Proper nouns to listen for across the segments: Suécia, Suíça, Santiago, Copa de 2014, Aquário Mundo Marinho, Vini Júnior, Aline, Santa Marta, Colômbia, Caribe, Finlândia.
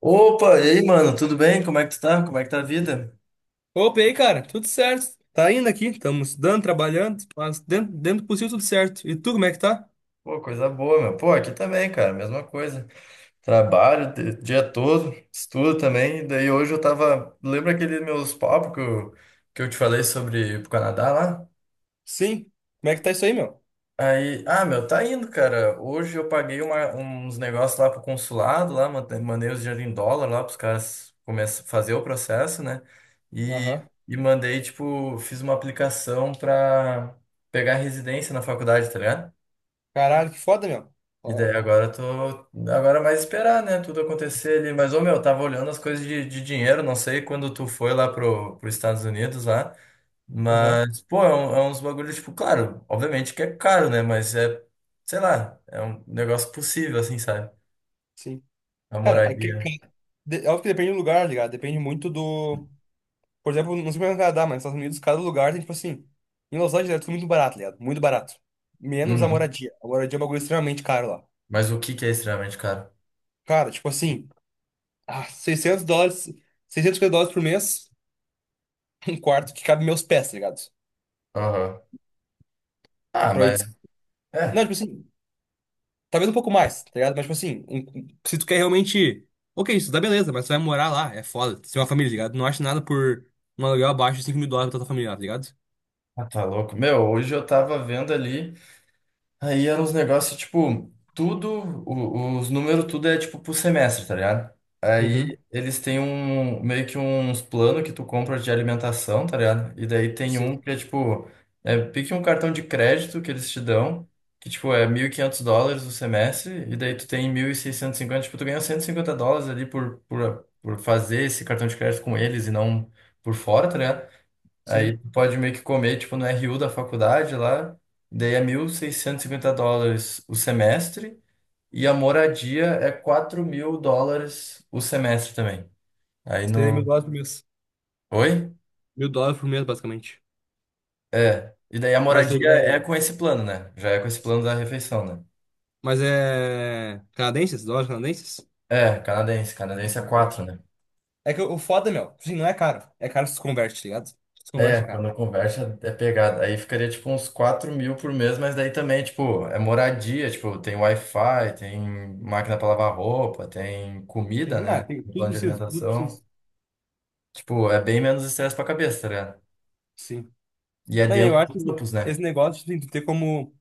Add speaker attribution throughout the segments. Speaker 1: Opa, e aí, mano, tudo bem? Como é que tu tá? Como é que tá a vida?
Speaker 2: Opa, e aí, cara, tudo certo? Tá indo aqui, estamos estudando, trabalhando, mas dentro do possível tudo certo. E tu, como é que tá?
Speaker 1: Pô, coisa boa, meu. Pô, aqui também, cara, mesma coisa. Trabalho o dia todo, estudo também. E daí hoje eu tava. Lembra aqueles meus papos que eu te falei sobre ir pro Canadá lá?
Speaker 2: Sim. Como é que tá isso aí, meu?
Speaker 1: Aí, ah, meu, tá indo, cara. Hoje eu paguei uns negócios lá pro consulado, lá, mandei os dinheiro em dólar lá pros caras começar fazer o processo, né? E,
Speaker 2: Aham.
Speaker 1: e mandei, tipo, fiz uma aplicação pra pegar residência na faculdade, tá ligado?
Speaker 2: Caralho, que foda, meu.
Speaker 1: E
Speaker 2: Ó,
Speaker 1: daí agora eu tô. Agora é mais esperar, né? Tudo acontecer ali. Mas, ô meu, eu tava olhando as coisas de dinheiro, não sei quando tu foi lá pro, pros Estados Unidos lá.
Speaker 2: aham,
Speaker 1: Mas, pô, é, é uns bagulho, tipo, claro, obviamente que é caro, né? Mas é, sei lá, é um negócio possível, assim, sabe?
Speaker 2: sim.
Speaker 1: A
Speaker 2: Cara, é que é
Speaker 1: moradia.
Speaker 2: ca- de- é óbvio que depende do lugar, tá ligado? Depende muito do. Por exemplo, não sei como é no Canadá, mas nos Estados Unidos, cada lugar tem, tipo assim. Em Los Angeles é tudo muito barato, tá ligado? Muito barato. Menos a
Speaker 1: Uhum.
Speaker 2: moradia. A moradia é um bagulho extremamente caro lá.
Speaker 1: Mas o que que é extremamente caro?
Speaker 2: Cara, tipo assim, 600 dólares, 650 dólares por mês, um quarto que cabe meus pés, tá ligado?
Speaker 1: Aham. Ah,
Speaker 2: Pra
Speaker 1: mas.
Speaker 2: 800. Não,
Speaker 1: É,
Speaker 2: tipo assim, talvez um pouco mais, tá ligado? Mas, tipo assim, se tu quer realmente. Ok, isso dá beleza, mas tu vai morar lá, é foda. Tu tem uma família, tá ligado? Não acha nada por um aluguel abaixo de 5 mil dólares pra tua família, tá ligado?
Speaker 1: ah, tá louco. Meu, hoje eu tava vendo ali. Aí eram uns negócios, tipo, tudo, os números, tudo é tipo pro semestre, tá ligado?
Speaker 2: Uhum.
Speaker 1: Aí eles têm um, meio que uns planos que tu compra de alimentação, tá ligado? E daí tem um
Speaker 2: Sim,
Speaker 1: que é tipo, é pique um cartão de crédito que eles te dão, que tipo é 1.500 dólares o semestre, e daí tu tem 1.650 tipo, tu ganha 150 dólares ali por, fazer esse cartão de crédito com eles e não por fora, tá ligado? Aí
Speaker 2: sim.
Speaker 1: tu pode meio que comer, tipo, no RU da faculdade lá, daí é 1.650 dólares o semestre, e a moradia é 4.000 dólares o semestre também. Aí
Speaker 2: Seria mil
Speaker 1: no.
Speaker 2: dólares por mês.
Speaker 1: Oi?
Speaker 2: Mil dólares por mês, basicamente.
Speaker 1: É. E daí a
Speaker 2: Mas é.
Speaker 1: moradia é com esse plano, né? Já é com esse plano da refeição, né?
Speaker 2: Mas é. Canadenses? Dólares canadenses?
Speaker 1: É, canadense. Canadense é
Speaker 2: Ah, tá bom.
Speaker 1: quatro, né?
Speaker 2: É que o foda, meu, tipo assim, não é caro. É caro se tu converte, tá ligado? Se tu
Speaker 1: É,
Speaker 2: converte, é caro.
Speaker 1: quando conversa é pegada. Aí ficaria tipo uns 4.000 por mês, mas daí também, tipo, é moradia, tipo, tem Wi-Fi, tem máquina para lavar roupa, tem
Speaker 2: Tem,
Speaker 1: comida,
Speaker 2: ah,
Speaker 1: né?
Speaker 2: tem, tudo
Speaker 1: Plano de
Speaker 2: precisa, tudo
Speaker 1: alimentação.
Speaker 2: precisa.
Speaker 1: Tipo, é bem menos estresse pra cabeça, tá ligado?
Speaker 2: Sim.
Speaker 1: E é
Speaker 2: Não, eu
Speaker 1: dentro
Speaker 2: acho
Speaker 1: do
Speaker 2: que esse
Speaker 1: campus, né?
Speaker 2: esse negócio, tipo assim, tu ter como.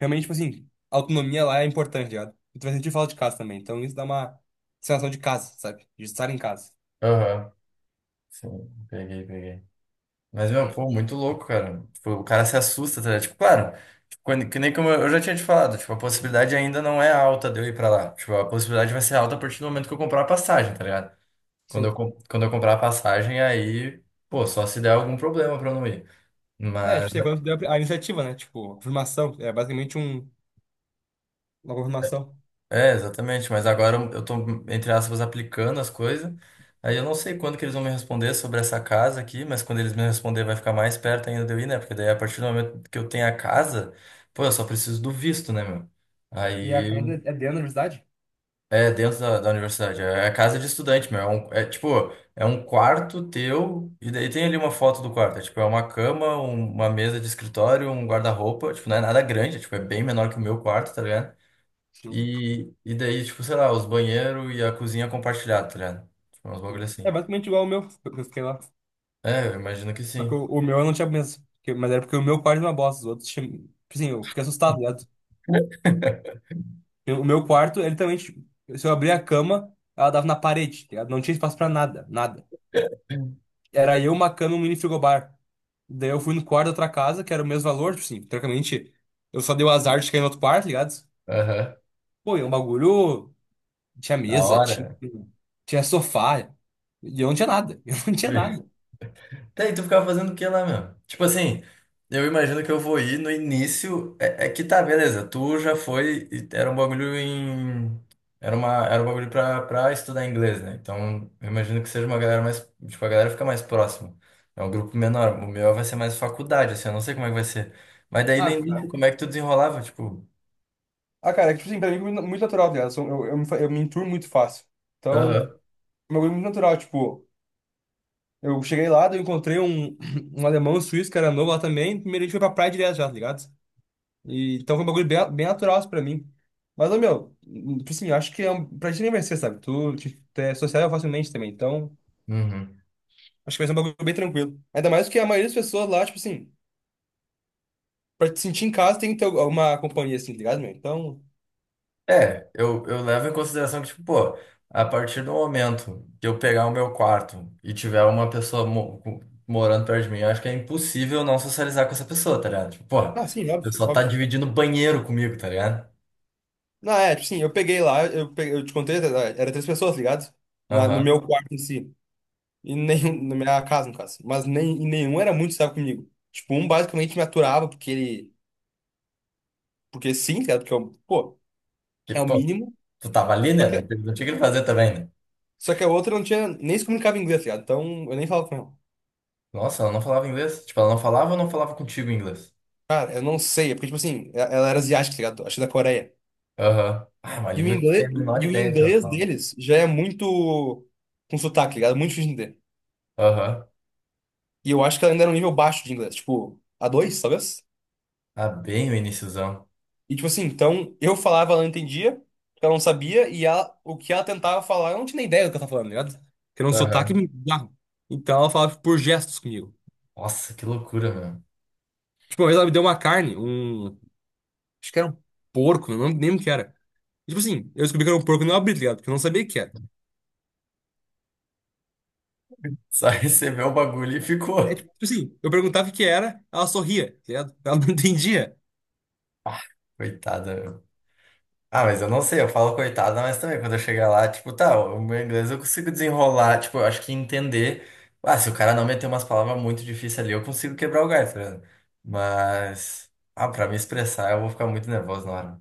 Speaker 2: Realmente, tipo assim, a autonomia lá é importante, tá ligado? E tu vai sentir falta de casa também. Então isso dá uma sensação de casa, sabe? De estar em casa.
Speaker 1: Aham. Sim, peguei, peguei. Mas, meu, pô, muito louco, cara. Tipo, o cara se assusta, tá ligado? Tipo, claro, tipo, quando, que nem como eu já tinha te falado, tipo, a possibilidade ainda não é alta de eu ir pra lá. Tipo, a possibilidade vai ser alta a partir do momento que eu comprar a passagem, tá ligado? Quando eu,
Speaker 2: Sim.
Speaker 1: com- quando eu comprar a passagem, aí, pô, só se der algum problema pra eu não ir.
Speaker 2: É,
Speaker 1: Mas,
Speaker 2: tipo, você quando deu a iniciativa, né? Tipo, a confirmação. É basicamente uma confirmação.
Speaker 1: é, exatamente. Mas agora eu tô, entre aspas, aplicando as coisas. Aí eu não sei quando que eles vão me responder sobre essa casa aqui, mas quando eles me responder vai ficar mais perto ainda de eu ir, né? Porque daí a partir do momento que eu tenho a casa, pô, eu só preciso do visto, né, meu?
Speaker 2: E a
Speaker 1: Aí.
Speaker 2: casa é dentro da universidade?
Speaker 1: É, dentro da universidade. É a casa de estudante, meu. É, é, tipo, é um quarto teu, e daí tem ali uma foto do quarto. É, tipo, é uma cama, uma mesa de escritório, um guarda-roupa. Tipo, não é nada grande, é, tipo, é bem menor que o meu quarto, tá ligado?
Speaker 2: Sim,
Speaker 1: E daí, tipo, sei lá, os banheiros e a cozinha compartilhada, tá ligado? Tipo, é uns bagulho
Speaker 2: sim. É
Speaker 1: assim.
Speaker 2: basicamente igual ao meu, que eu fiquei lá.
Speaker 1: É, eu imagino que
Speaker 2: Só que
Speaker 1: sim.
Speaker 2: o meu eu não tinha mesmo. Mas era porque o meu quarto era uma bosta. Os outros tinham, tipo assim, eu fiquei assustado, tá ligado? O meu quarto, ele também, tipo, se eu abrir a cama, ela dava na parede, tá ligado? Não tinha espaço pra nada, nada. Era eu, uma cama e um mini frigobar. Daí eu fui no quarto da outra casa, que era o mesmo valor, tipo assim, teoricamente. Eu só dei o azar de cair no outro quarto, tá ligado?
Speaker 1: Aham.
Speaker 2: Pô, e é um bagulho. Tinha
Speaker 1: Da
Speaker 2: mesa, tinha,
Speaker 1: hora.
Speaker 2: tinha sofá. E eu não tinha nada. Eu não tinha nada.
Speaker 1: Tá, e tu ficava fazendo o que lá, meu? Tipo assim, eu imagino que eu vou ir no início. É, é que tá, beleza. Tu já foi. E era um bagulho em. Era um bagulho pra, estudar inglês, né? Então, eu imagino que seja uma galera mais. Tipo, a galera fica mais próxima. É um grupo menor. O meu vai ser mais faculdade, assim. Eu não sei como é que vai ser. Mas daí no
Speaker 2: Ah,
Speaker 1: início,
Speaker 2: cara,
Speaker 1: como é que tu desenrolava? Tipo.
Speaker 2: ah, cara, é que, tipo assim, pra mim é muito muito natural, tá ligado? Eu, sou- eu me, fa- eu me enturmo muito fácil. Então.
Speaker 1: Aham.
Speaker 2: Uma coisa muito natural, tipo, eu cheguei lá, daí eu encontrei um alemão um suíço que era novo lá também. Primeiro a gente foi pra praia direto já, tá ligado? E então foi um bagulho bem, bem natural assim, pra mim. Mas, ô, meu, tipo assim, eu acho que pra ti nem vai ser, sabe? Tu te é sociável facilmente também, então
Speaker 1: Uhum.
Speaker 2: acho que vai ser um bagulho bem tranquilo. Ainda mais que a maioria das pessoas lá, tipo assim, pra te sentir em casa tem que ter alguma companhia assim, tá ligado, meu? Então,
Speaker 1: É, eu levo em consideração que, tipo, pô, a partir do momento que eu pegar o meu quarto e tiver uma pessoa morando perto de mim, eu acho que é impossível não socializar com essa pessoa, tá ligado? Tipo, pô, a
Speaker 2: sim, óbvio,
Speaker 1: pessoa tá
Speaker 2: óbvio.
Speaker 1: dividindo banheiro comigo, tá ligado?
Speaker 2: Não, é, tipo assim, eu peguei lá, eu te contei, era três pessoas, tá ligado? No
Speaker 1: Aham.
Speaker 2: meu quarto em si. E nenhum, na minha casa, no caso. Mas nem, e nenhum era muito sábio comigo. Tipo, um basicamente me aturava porque ele. Porque sim, tá ligado? Porque eu, pô,
Speaker 1: Que,
Speaker 2: é o
Speaker 1: pô,
Speaker 2: mínimo.
Speaker 1: tu tava ali,
Speaker 2: Só
Speaker 1: né? Não
Speaker 2: que,
Speaker 1: tinha não tinha o que fazer também, né?
Speaker 2: só que a outra não tinha nem se comunicava em inglês, tá ligado? Então eu nem falava com ela.
Speaker 1: Nossa, ela não falava inglês? Tipo, ela não falava ou não falava contigo em inglês?
Speaker 2: Cara, eu não sei. É porque, tipo assim, ela era asiática, tá ligado? Acho que da Coreia.
Speaker 1: Aham. Ah, é uma
Speaker 2: E o
Speaker 1: língua que tu tem
Speaker 2: inglês,
Speaker 1: a menor
Speaker 2: e o
Speaker 1: ideia do que ela
Speaker 2: inglês
Speaker 1: fala.
Speaker 2: deles já é muito. Com sotaque, tá ligado? É muito difícil de entender.
Speaker 1: Aham.
Speaker 2: E eu acho que ela ainda era um nível baixo de inglês. Tipo, A2, talvez?
Speaker 1: Ah, bem o iniciozão.
Speaker 2: E tipo assim, então eu falava, ela não entendia, ela não sabia, e ela, o que ela tentava falar, eu não tinha nem ideia do que ela tava falando, tá ligado? Porque era um sotaque
Speaker 1: Aham.
Speaker 2: bizarro. Então ela falava por gestos comigo.
Speaker 1: Nossa, que loucura, meu.
Speaker 2: Tipo, uma vez ela me deu uma carne, um. Acho que era um porco, não lembro nem o que era. E, tipo assim, eu descobri que era um porco e não abri, tá ligado? Porque eu não sabia o que era.
Speaker 1: Só recebeu o bagulho e
Speaker 2: É
Speaker 1: ficou.
Speaker 2: tipo assim, eu perguntava o que era, ela sorria, tá ligado? Ela não entendia.
Speaker 1: Ah, coitada. Ah, mas eu não sei, eu falo coitada, mas também quando eu chegar lá, tipo, tá, o meu inglês eu consigo desenrolar, tipo, eu acho que entender. Ah, se o cara não meter umas palavras muito difíceis ali, eu consigo quebrar o galho, tá ligado? Mas, ah, pra me expressar, eu vou ficar muito nervoso na hora.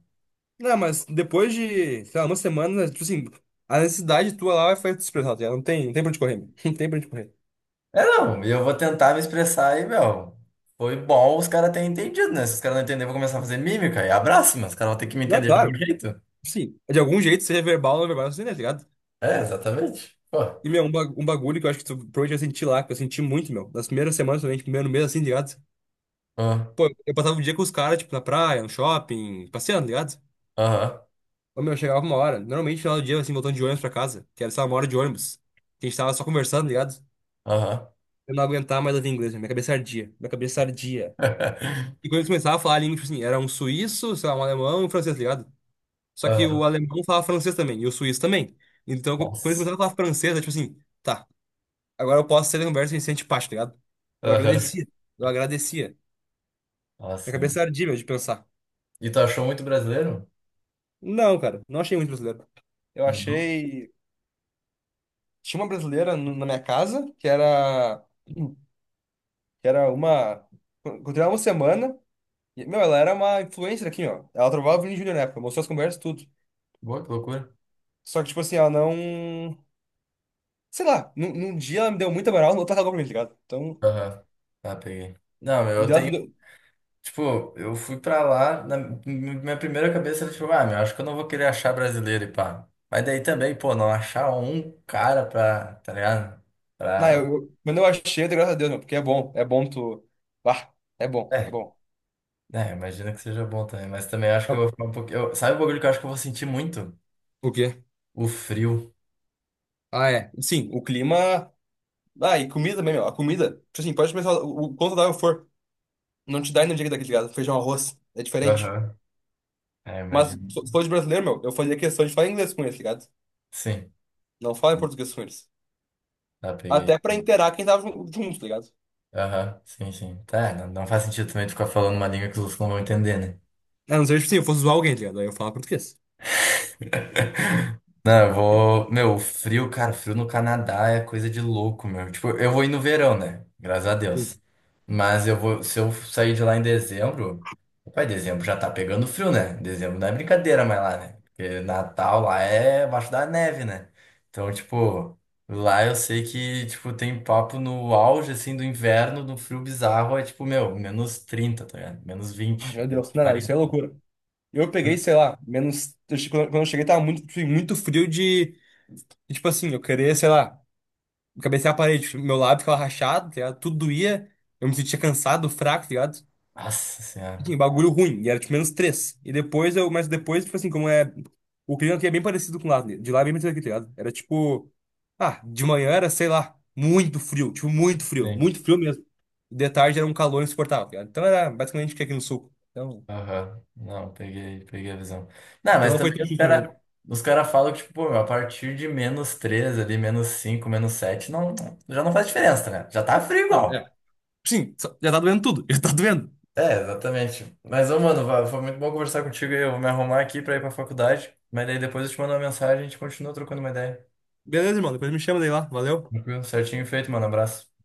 Speaker 2: Não, mas depois de, sei lá, uma semana, tipo assim, a necessidade tua lá vai fazer tu expressar, tá ligado? Não tem pra onde correr, meu. Não tem pra onde correr.
Speaker 1: É, não, e eu vou tentar me expressar e, meu, foi bom os caras terem entendido, né? Se os caras não entenderem, eu vou começar a fazer mímica e abraço, mas os caras vão ter que me
Speaker 2: Não,
Speaker 1: entender de algum
Speaker 2: claro.
Speaker 1: jeito.
Speaker 2: Sim, de algum jeito, seja verbal ou não verbal, você tá ligado?
Speaker 1: É, exatamente. Pô,
Speaker 2: E, meu, um bagulho que eu acho que tu provavelmente vai sentir lá, que eu senti muito, meu. Nas primeiras semanas, principalmente, primeiro mês, assim, tá ligado?
Speaker 1: ah,
Speaker 2: Pô, eu passava o dia com os caras, tipo, na praia, no shopping, passeando, tá ligado?
Speaker 1: aham,
Speaker 2: Ô, meu, chegava uma hora. Normalmente, no final do dia, assim, voltando de ônibus pra casa, que era, sei lá, uma hora de ônibus. Que a gente tava só conversando, tá ligado?
Speaker 1: aham.
Speaker 2: Eu não aguentava mais ouvir inglês, meu. Minha cabeça ardia, minha cabeça ardia. E quando eles começavam a falar a língua, tipo assim, era um suíço, sei lá, um alemão e um francês, tá ligado? Só que o
Speaker 1: Aham.
Speaker 2: alemão falava francês também, e o suíço também. Então, quando eles
Speaker 1: Nossa.
Speaker 2: começavam a falar francês, era tipo assim, tá. Agora eu posso ser Humberto Vicente Paz, tá ligado? Eu
Speaker 1: Aham.
Speaker 2: agradecia. Eu agradecia. Minha
Speaker 1: Nossa, meu.
Speaker 2: cabeça ardia, meu, de pensar.
Speaker 1: E tu achou muito brasileiro?
Speaker 2: Não, cara, não achei muito brasileiro. Eu
Speaker 1: Não.
Speaker 2: achei. Tinha uma brasileira na minha casa, que era. Que era uma. Encontrei ela uma semana. E, meu, ela era uma influencer aqui, ó. Ela trovava o Vini Júnior na época, mostrou as conversas, tudo.
Speaker 1: Boa, que loucura.
Speaker 2: Só que, tipo assim, ela não. Sei lá, num dia ela me deu muita moral, no outro ela cagou pra mim, tá ligado? Então.
Speaker 1: Aham. Tá, peguei. Não, meu,
Speaker 2: e
Speaker 1: eu
Speaker 2: dela-
Speaker 1: tenho. Tipo, eu fui pra lá, na minha primeira cabeça era tipo, ah, meu, acho que eu não vou querer achar brasileiro e pá. Mas daí também, pô, não achar um cara pra, tá ligado?
Speaker 2: Não,
Speaker 1: Pra.
Speaker 2: quando eu achei, eu dei graças a Deus, meu, porque é bom tu. Ah, é bom, é
Speaker 1: É,
Speaker 2: bom.
Speaker 1: né, imagino que seja bom também, mas também acho que eu vou ficar um pouquinho. Sabe o bagulho que eu acho que eu vou sentir muito?
Speaker 2: O quê?
Speaker 1: O frio.
Speaker 2: Ah, é. Sim, o clima. Ah, e comida também, meu. A comida, tipo assim, pode começar o quanto saudável for. Não te dá energia daquele ligado? Feijão, arroz. É diferente.
Speaker 1: Aham. É,
Speaker 2: Mas se
Speaker 1: imagino.
Speaker 2: se fosse brasileiro, meu, eu fazia questão de falar inglês com eles, tá ligado?
Speaker 1: Sim,
Speaker 2: Não falar em português com eles.
Speaker 1: tá, peguei.
Speaker 2: Até pra inteirar quem tava junto, tá ligado?
Speaker 1: Aham, sim, sim. Tá, não, não faz sentido também tu ficar falando uma língua que os outros não vão entender, né?
Speaker 2: A não ser, tipo assim, eu fosse zoar alguém, tá ligado? Aí eu falava português.
Speaker 1: Não, eu vou. Meu, frio, cara, frio no Canadá é coisa de louco, meu. Tipo, eu vou ir no verão, né? Graças a Deus.
Speaker 2: Sim.
Speaker 1: Mas eu vou. Se eu sair de lá em dezembro. Pai, dezembro já tá pegando frio, né? Dezembro não é brincadeira mais lá, né? Porque Natal lá é abaixo da neve, né? Então, tipo, lá eu sei que, tipo, tem papo no auge, assim, do inverno, no frio bizarro, é tipo, meu, -30, tá ligado? Menos
Speaker 2: Ah,
Speaker 1: vinte
Speaker 2: meu Deus, não, não, isso é
Speaker 1: -40.
Speaker 2: loucura. Eu peguei, sei lá, menos. Quando eu cheguei, tava muito, tipo assim, muito frio de. De, tipo assim, eu queria, sei lá. Cabecei a parede, meu lábio ficava rachado, tá ligado? Tudo doía. Eu me sentia cansado, fraco, tá ligado?
Speaker 1: Nossa
Speaker 2: Enfim,
Speaker 1: Senhora.
Speaker 2: bagulho ruim. E era tipo -3. E depois eu, mas depois, tipo assim, como é. O clima aqui é bem parecido com lá, né? De lá é bem parecido aqui, tá ligado? Era tipo. Ah, de manhã era, sei lá, muito frio. Tipo, muito frio. Muito frio mesmo. De tarde era um calor insuportável, tá ligado? Então era basicamente o que é aqui no sul. Então,
Speaker 1: Aham. Não, peguei, peguei a visão. Não,
Speaker 2: então
Speaker 1: mas
Speaker 2: não foi
Speaker 1: também
Speaker 2: tão
Speaker 1: os
Speaker 2: difícil pra mim.
Speaker 1: cara, os cara falam que, tipo, pô, meu, a partir de menos 3 ali, -5, -7, não, já não faz diferença, né? Já tá frio
Speaker 2: Não,
Speaker 1: igual.
Speaker 2: é. Sim, já tá doendo tudo. Já tá doendo.
Speaker 1: É, exatamente. Mas, ô, mano, foi muito bom conversar contigo aí. Eu vou me arrumar aqui pra ir pra faculdade. Mas daí depois eu te mando uma mensagem e a gente continua trocando uma ideia.
Speaker 2: Beleza, irmão. Depois me chama daí lá. Valeu.
Speaker 1: Tranquilo? Certinho feito, mano. Abraço.